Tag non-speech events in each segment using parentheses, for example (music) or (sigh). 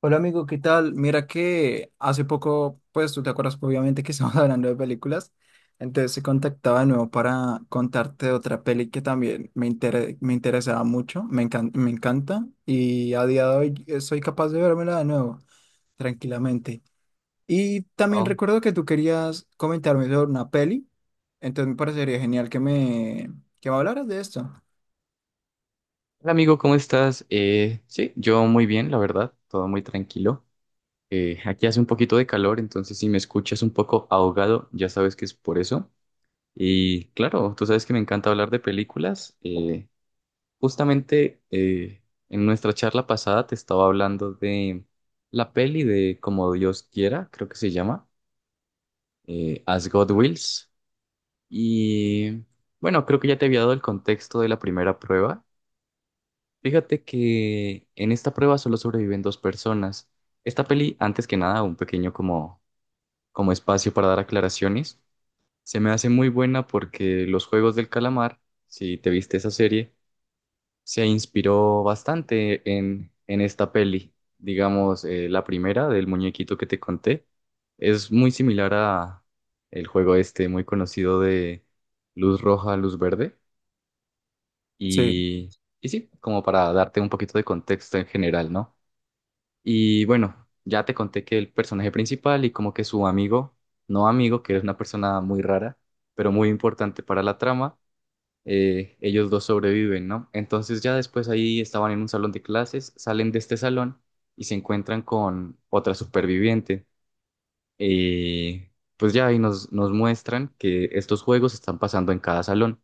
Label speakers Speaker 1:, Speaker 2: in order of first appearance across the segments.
Speaker 1: Hola amigo, ¿qué tal? Mira que hace poco, pues tú te acuerdas obviamente que estamos (laughs) hablando de películas, entonces se contactaba de nuevo para contarte de otra peli que también me interesaba mucho, me encanta y a día de hoy soy capaz de vérmela de nuevo tranquilamente. Y también
Speaker 2: Oh,
Speaker 1: recuerdo que tú querías comentarme sobre una peli, entonces me parecería genial que me hablaras de esto.
Speaker 2: hola amigo, ¿cómo estás? Sí, yo muy bien, la verdad, todo muy tranquilo. Aquí hace un poquito de calor, entonces si me escuchas un poco ahogado, ya sabes que es por eso. Y claro, tú sabes que me encanta hablar de películas. Justamente en nuestra charla pasada te estaba hablando de la peli de Como Dios quiera, creo que se llama, As God Wills. Y bueno, creo que ya te había dado el contexto de la primera prueba. Fíjate que en esta prueba solo sobreviven dos personas. Esta peli, antes que nada, un pequeño como, como espacio para dar aclaraciones, se me hace muy buena porque Los Juegos del Calamar, si te viste esa serie, se inspiró bastante en esta peli. Digamos, la primera del muñequito que te conté es muy similar a el juego este muy conocido de luz roja, luz verde.
Speaker 1: Sí.
Speaker 2: Y, y sí, como para darte un poquito de contexto en general, ¿no? Y bueno, ya te conté que el personaje principal y como que su amigo, no amigo, que es una persona muy rara, pero muy importante para la trama, ellos dos sobreviven, ¿no? Entonces ya después ahí estaban en un salón de clases, salen de este salón y se encuentran con otra superviviente. Eh, pues ya ahí nos muestran que estos juegos están pasando en cada salón.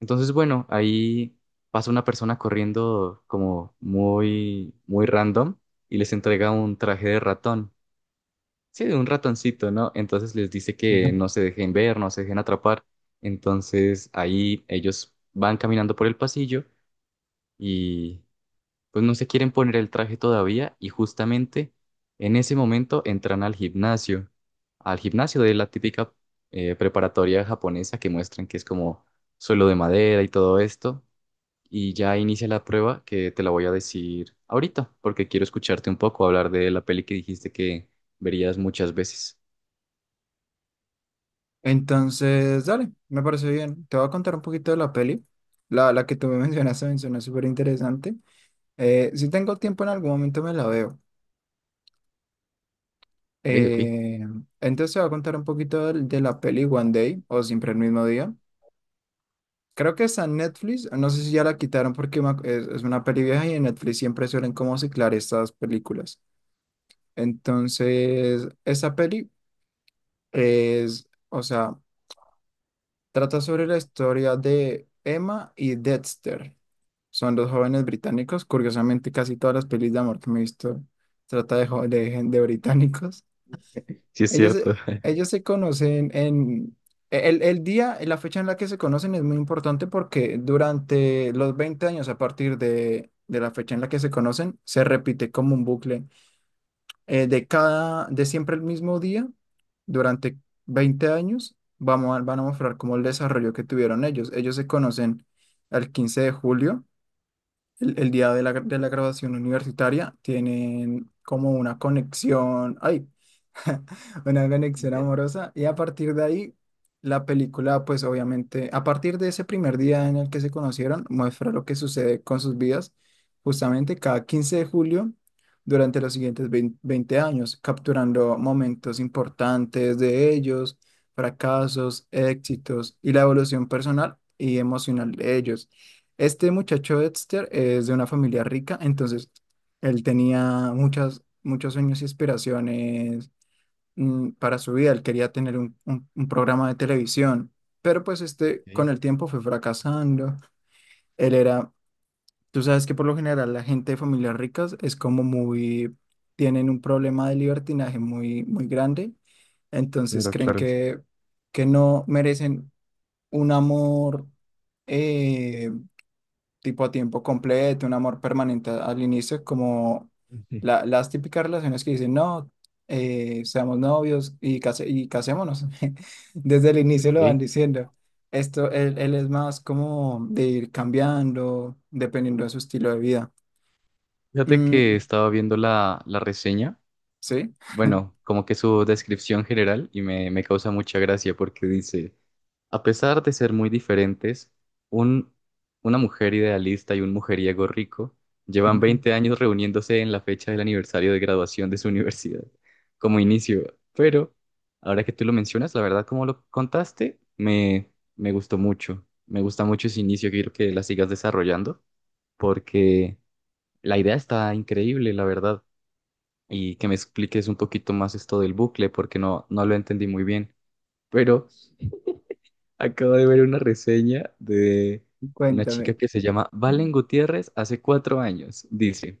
Speaker 2: Entonces, bueno, ahí pasa una persona corriendo como muy, muy random y les entrega un traje de ratón. Sí, de un ratoncito, ¿no? Entonces les dice que
Speaker 1: (laughs)
Speaker 2: no se dejen ver, no se dejen atrapar. Entonces ahí ellos van caminando por el pasillo y pues no se quieren poner el traje todavía y justamente en ese momento entran al gimnasio de la típica preparatoria japonesa que muestran que es como suelo de madera y todo esto y ya inicia la prueba que te la voy a decir ahorita, porque quiero escucharte un poco hablar de la peli que dijiste que verías muchas veces.
Speaker 1: Entonces, dale, me parece bien. Te voy a contar un poquito de la peli. La que tú me (laughs) mencionaste me suena súper interesante. Si tengo tiempo en algún momento me la veo.
Speaker 2: Ey, ok,
Speaker 1: Eh, entonces te voy a contar un poquito de la peli One Day o Siempre el mismo día. Creo que está en Netflix. No sé si ya la quitaron porque es una peli vieja y en Netflix siempre suelen como ciclar estas películas. Entonces, esa peli es, o sea... Trata sobre la historia de Emma y Dexter. Son dos jóvenes británicos. Curiosamente, casi todas las pelis de amor que me he visto trata de, jo- de, gen- de británicos.
Speaker 2: sí es cierto. (laughs)
Speaker 1: Ellos se conocen en... El día, la fecha en la que se conocen es muy importante porque durante los 20 años a partir de la fecha en la que se conocen, se repite como un bucle de siempre el mismo día, durante 20 años, van a mostrar como el desarrollo que tuvieron ellos. Ellos se conocen el 15 de julio, el día de de la graduación universitaria, tienen como una conexión, ay, (laughs) una conexión
Speaker 2: Ya.
Speaker 1: amorosa. Y a partir de ahí, la película, pues obviamente, a partir de ese primer día en el que se conocieron, muestra lo que sucede con sus vidas, justamente cada 15 de julio, durante los siguientes 20 años, capturando momentos importantes de ellos, fracasos, éxitos y la evolución personal y emocional de ellos. Este muchacho Dexter es de una familia rica, entonces él tenía muchos sueños y aspiraciones para su vida, él quería tener un programa de televisión, pero pues este
Speaker 2: Ok.
Speaker 1: con el tiempo fue fracasando, él era, tú sabes que por lo general la gente de familias ricas es como muy, tienen un problema de libertinaje muy, muy grande, entonces
Speaker 2: Claro,
Speaker 1: creen
Speaker 2: claro.
Speaker 1: que no merecen un amor. eh, Tipo a tiempo completo, un amor permanente al inicio, como
Speaker 2: Ujú. (laughs)
Speaker 1: las típicas relaciones que dicen, no, seamos novios y, casémonos. (laughs) Desde el
Speaker 2: Ok.
Speaker 1: inicio lo
Speaker 2: Ok.
Speaker 1: van diciendo. Esto, él es más como de ir cambiando, dependiendo de su estilo de vida.
Speaker 2: Fíjate que
Speaker 1: Mm,
Speaker 2: estaba viendo la reseña,
Speaker 1: ¿sí?
Speaker 2: bueno, como que su descripción general y me causa mucha gracia porque dice... A pesar de ser muy diferentes, un, una mujer idealista y un mujeriego rico llevan 20
Speaker 1: (laughs)
Speaker 2: años reuniéndose en la fecha del aniversario de graduación de su (laughs) universidad, como inicio. Pero ahora que tú lo mencionas, la verdad, como lo contaste, me gustó mucho. Me gusta mucho ese inicio, quiero que la sigas desarrollando, porque la idea está increíble, la verdad. Y que me expliques un poquito más esto del bucle, porque no, no lo entendí muy bien. Pero acabo de ver una reseña de una chica
Speaker 1: Cuéntame.
Speaker 2: que se llama Valen Gutiérrez hace 4 años. Dice,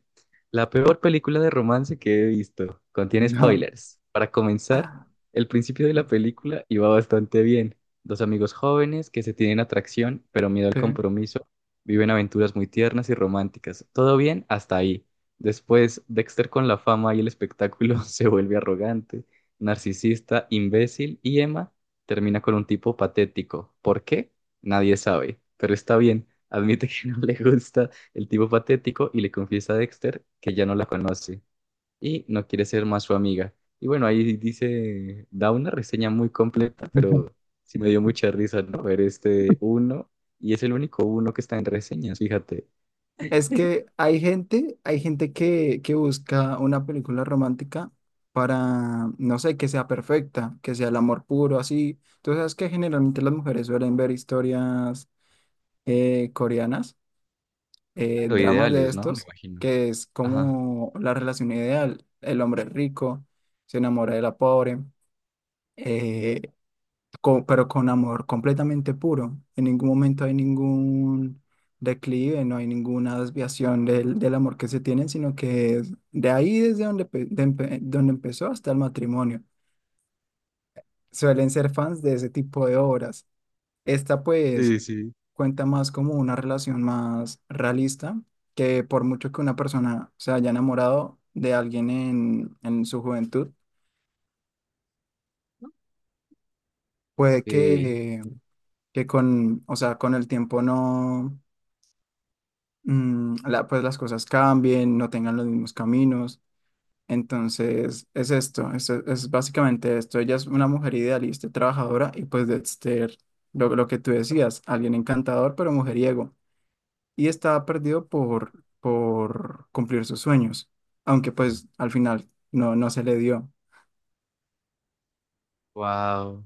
Speaker 2: la peor película de romance que he visto. Contiene
Speaker 1: No.
Speaker 2: spoilers. Para comenzar,
Speaker 1: (laughs)
Speaker 2: el principio de la película iba bastante bien. Dos amigos jóvenes que se tienen atracción, pero miedo al
Speaker 1: Sí.
Speaker 2: compromiso, viven aventuras muy tiernas y románticas. Todo bien hasta ahí. Después, Dexter con la fama y el espectáculo (laughs) se vuelve arrogante, narcisista, imbécil y Emma termina con un tipo patético. ¿Por qué? Nadie sabe, pero está bien. Admite que (laughs) no le gusta el tipo patético y le confiesa a Dexter que ya no la conoce y no quiere ser más su amiga. Y bueno, ahí dice, da una reseña muy completa, pero sí me dio mucha risa, ¿no? Ver este uno, y es el único uno que está en reseñas, fíjate.
Speaker 1: Es que hay gente que busca una película romántica para, no sé, que sea perfecta, que sea el amor puro, así. Tú sabes que generalmente las mujeres suelen ver historias coreanas,
Speaker 2: Claro,
Speaker 1: dramas de
Speaker 2: ideales, ¿no? Me
Speaker 1: estos,
Speaker 2: imagino.
Speaker 1: que es
Speaker 2: Ajá.
Speaker 1: como la relación ideal. El hombre rico se enamora de la pobre, eh, pero con amor completamente puro. En ningún momento hay ningún declive, no hay ninguna desviación del amor que se tienen, sino que es de ahí desde donde, donde empezó hasta el matrimonio. Suelen ser fans de ese tipo de obras. Esta pues
Speaker 2: Sí, sí.
Speaker 1: cuenta más como una relación más realista, que por mucho que una persona se haya enamorado de alguien en su juventud, puede que con, o sea, con el tiempo no pues las cosas cambien, no tengan los mismos caminos. Entonces, es esto, es básicamente esto. Ella es una mujer idealista, y trabajadora y pues de ser lo que tú decías, alguien encantador pero mujeriego. Y estaba perdido por cumplir sus sueños, aunque pues al final no, no se le dio.
Speaker 2: Wow.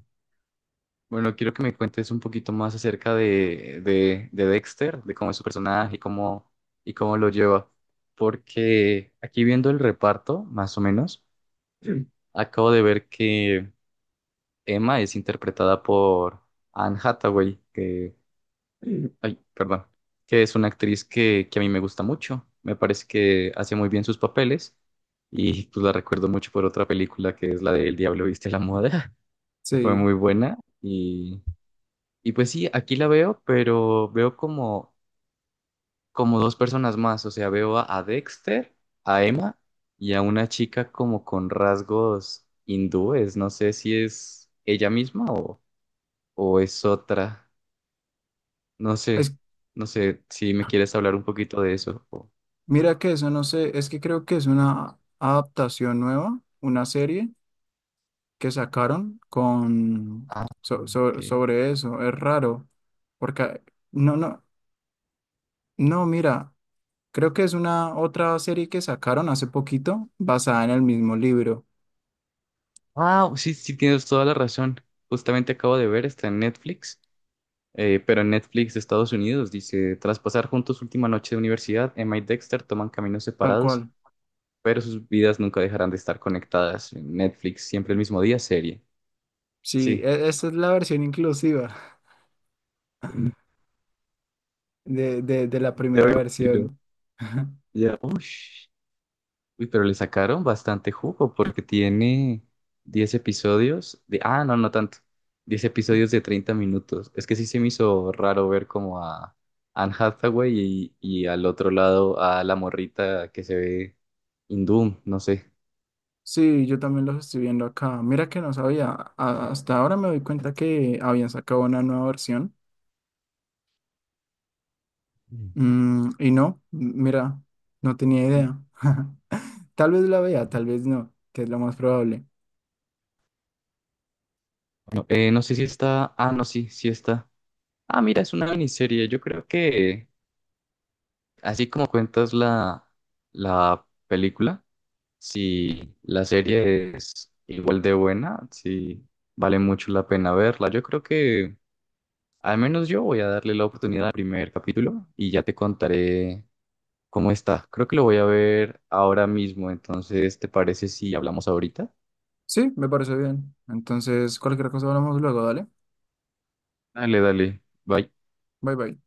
Speaker 2: Bueno, quiero que me cuentes un poquito más acerca de Dexter, de cómo es su personaje y cómo lo lleva. Porque aquí viendo el reparto, más o menos, (clears throat) sí, acabo de ver que Emma es interpretada por Anne Hathaway, que, ay, perdón, que es una actriz que a mí me gusta mucho. Me parece que hace muy bien sus papeles y pues la recuerdo mucho por otra película que es la de El Diablo viste la moda, (laughs) que fue
Speaker 1: Sí,
Speaker 2: muy buena y pues sí, aquí la veo, pero veo como, como dos personas más. O sea, veo a Dexter, a Emma y a una chica como con rasgos hindúes. No sé si es ella misma o es otra. No
Speaker 1: es,
Speaker 2: sé, no sé si me quieres hablar un poquito de eso.
Speaker 1: mira que eso no sé, es que creo que es una adaptación nueva, una serie que sacaron con
Speaker 2: Ah, ok.
Speaker 1: sobre eso. Es raro, porque a- no, no, no, mira, creo que es una otra serie que sacaron hace poquito basada en el mismo libro,
Speaker 2: Ah, sí, sí, tienes toda la razón. Justamente acabo de ver, está en Netflix. Pero en Netflix de Estados Unidos dice, tras pasar juntos última noche de universidad, Emma y Dexter toman caminos
Speaker 1: tal
Speaker 2: separados
Speaker 1: cual.
Speaker 2: pero sus vidas nunca dejarán de estar conectadas. En Netflix, siempre el mismo día, serie.
Speaker 1: Sí,
Speaker 2: Sí.
Speaker 1: esa es la versión inclusiva
Speaker 2: Mm,
Speaker 1: (laughs) de la
Speaker 2: ya me
Speaker 1: primera
Speaker 2: imagino.
Speaker 1: versión. (laughs)
Speaker 2: Ya. Ush. Uy, pero le sacaron bastante jugo porque tiene 10 episodios de... Ah, no, no tanto. 10 episodios de 30 minutos. Es que sí se me hizo raro ver como a Anne Hathaway y al otro lado a la morrita que se ve hindú, no sé.
Speaker 1: Sí, yo también los estoy viendo acá. Mira que no sabía, hasta ahora me doy cuenta que habían sacado una nueva versión.
Speaker 2: Mm.
Speaker 1: Y no, mira, no tenía idea. (laughs) Tal vez la vea, tal vez no, que es lo más probable.
Speaker 2: No, no sé si está... Ah, no, sí, sí está. Ah, mira, es una miniserie. Yo creo que así como cuentas la película, si la serie es igual de buena, si vale mucho la pena verla. Yo creo que al menos yo voy a darle la oportunidad al primer capítulo y ya te contaré cómo está. Creo que lo voy a ver ahora mismo. Entonces, ¿te parece si hablamos ahorita?
Speaker 1: Sí, me parece bien. Entonces, cualquier cosa hablamos luego, dale.
Speaker 2: Dale, dale. Bye.
Speaker 1: Bye bye.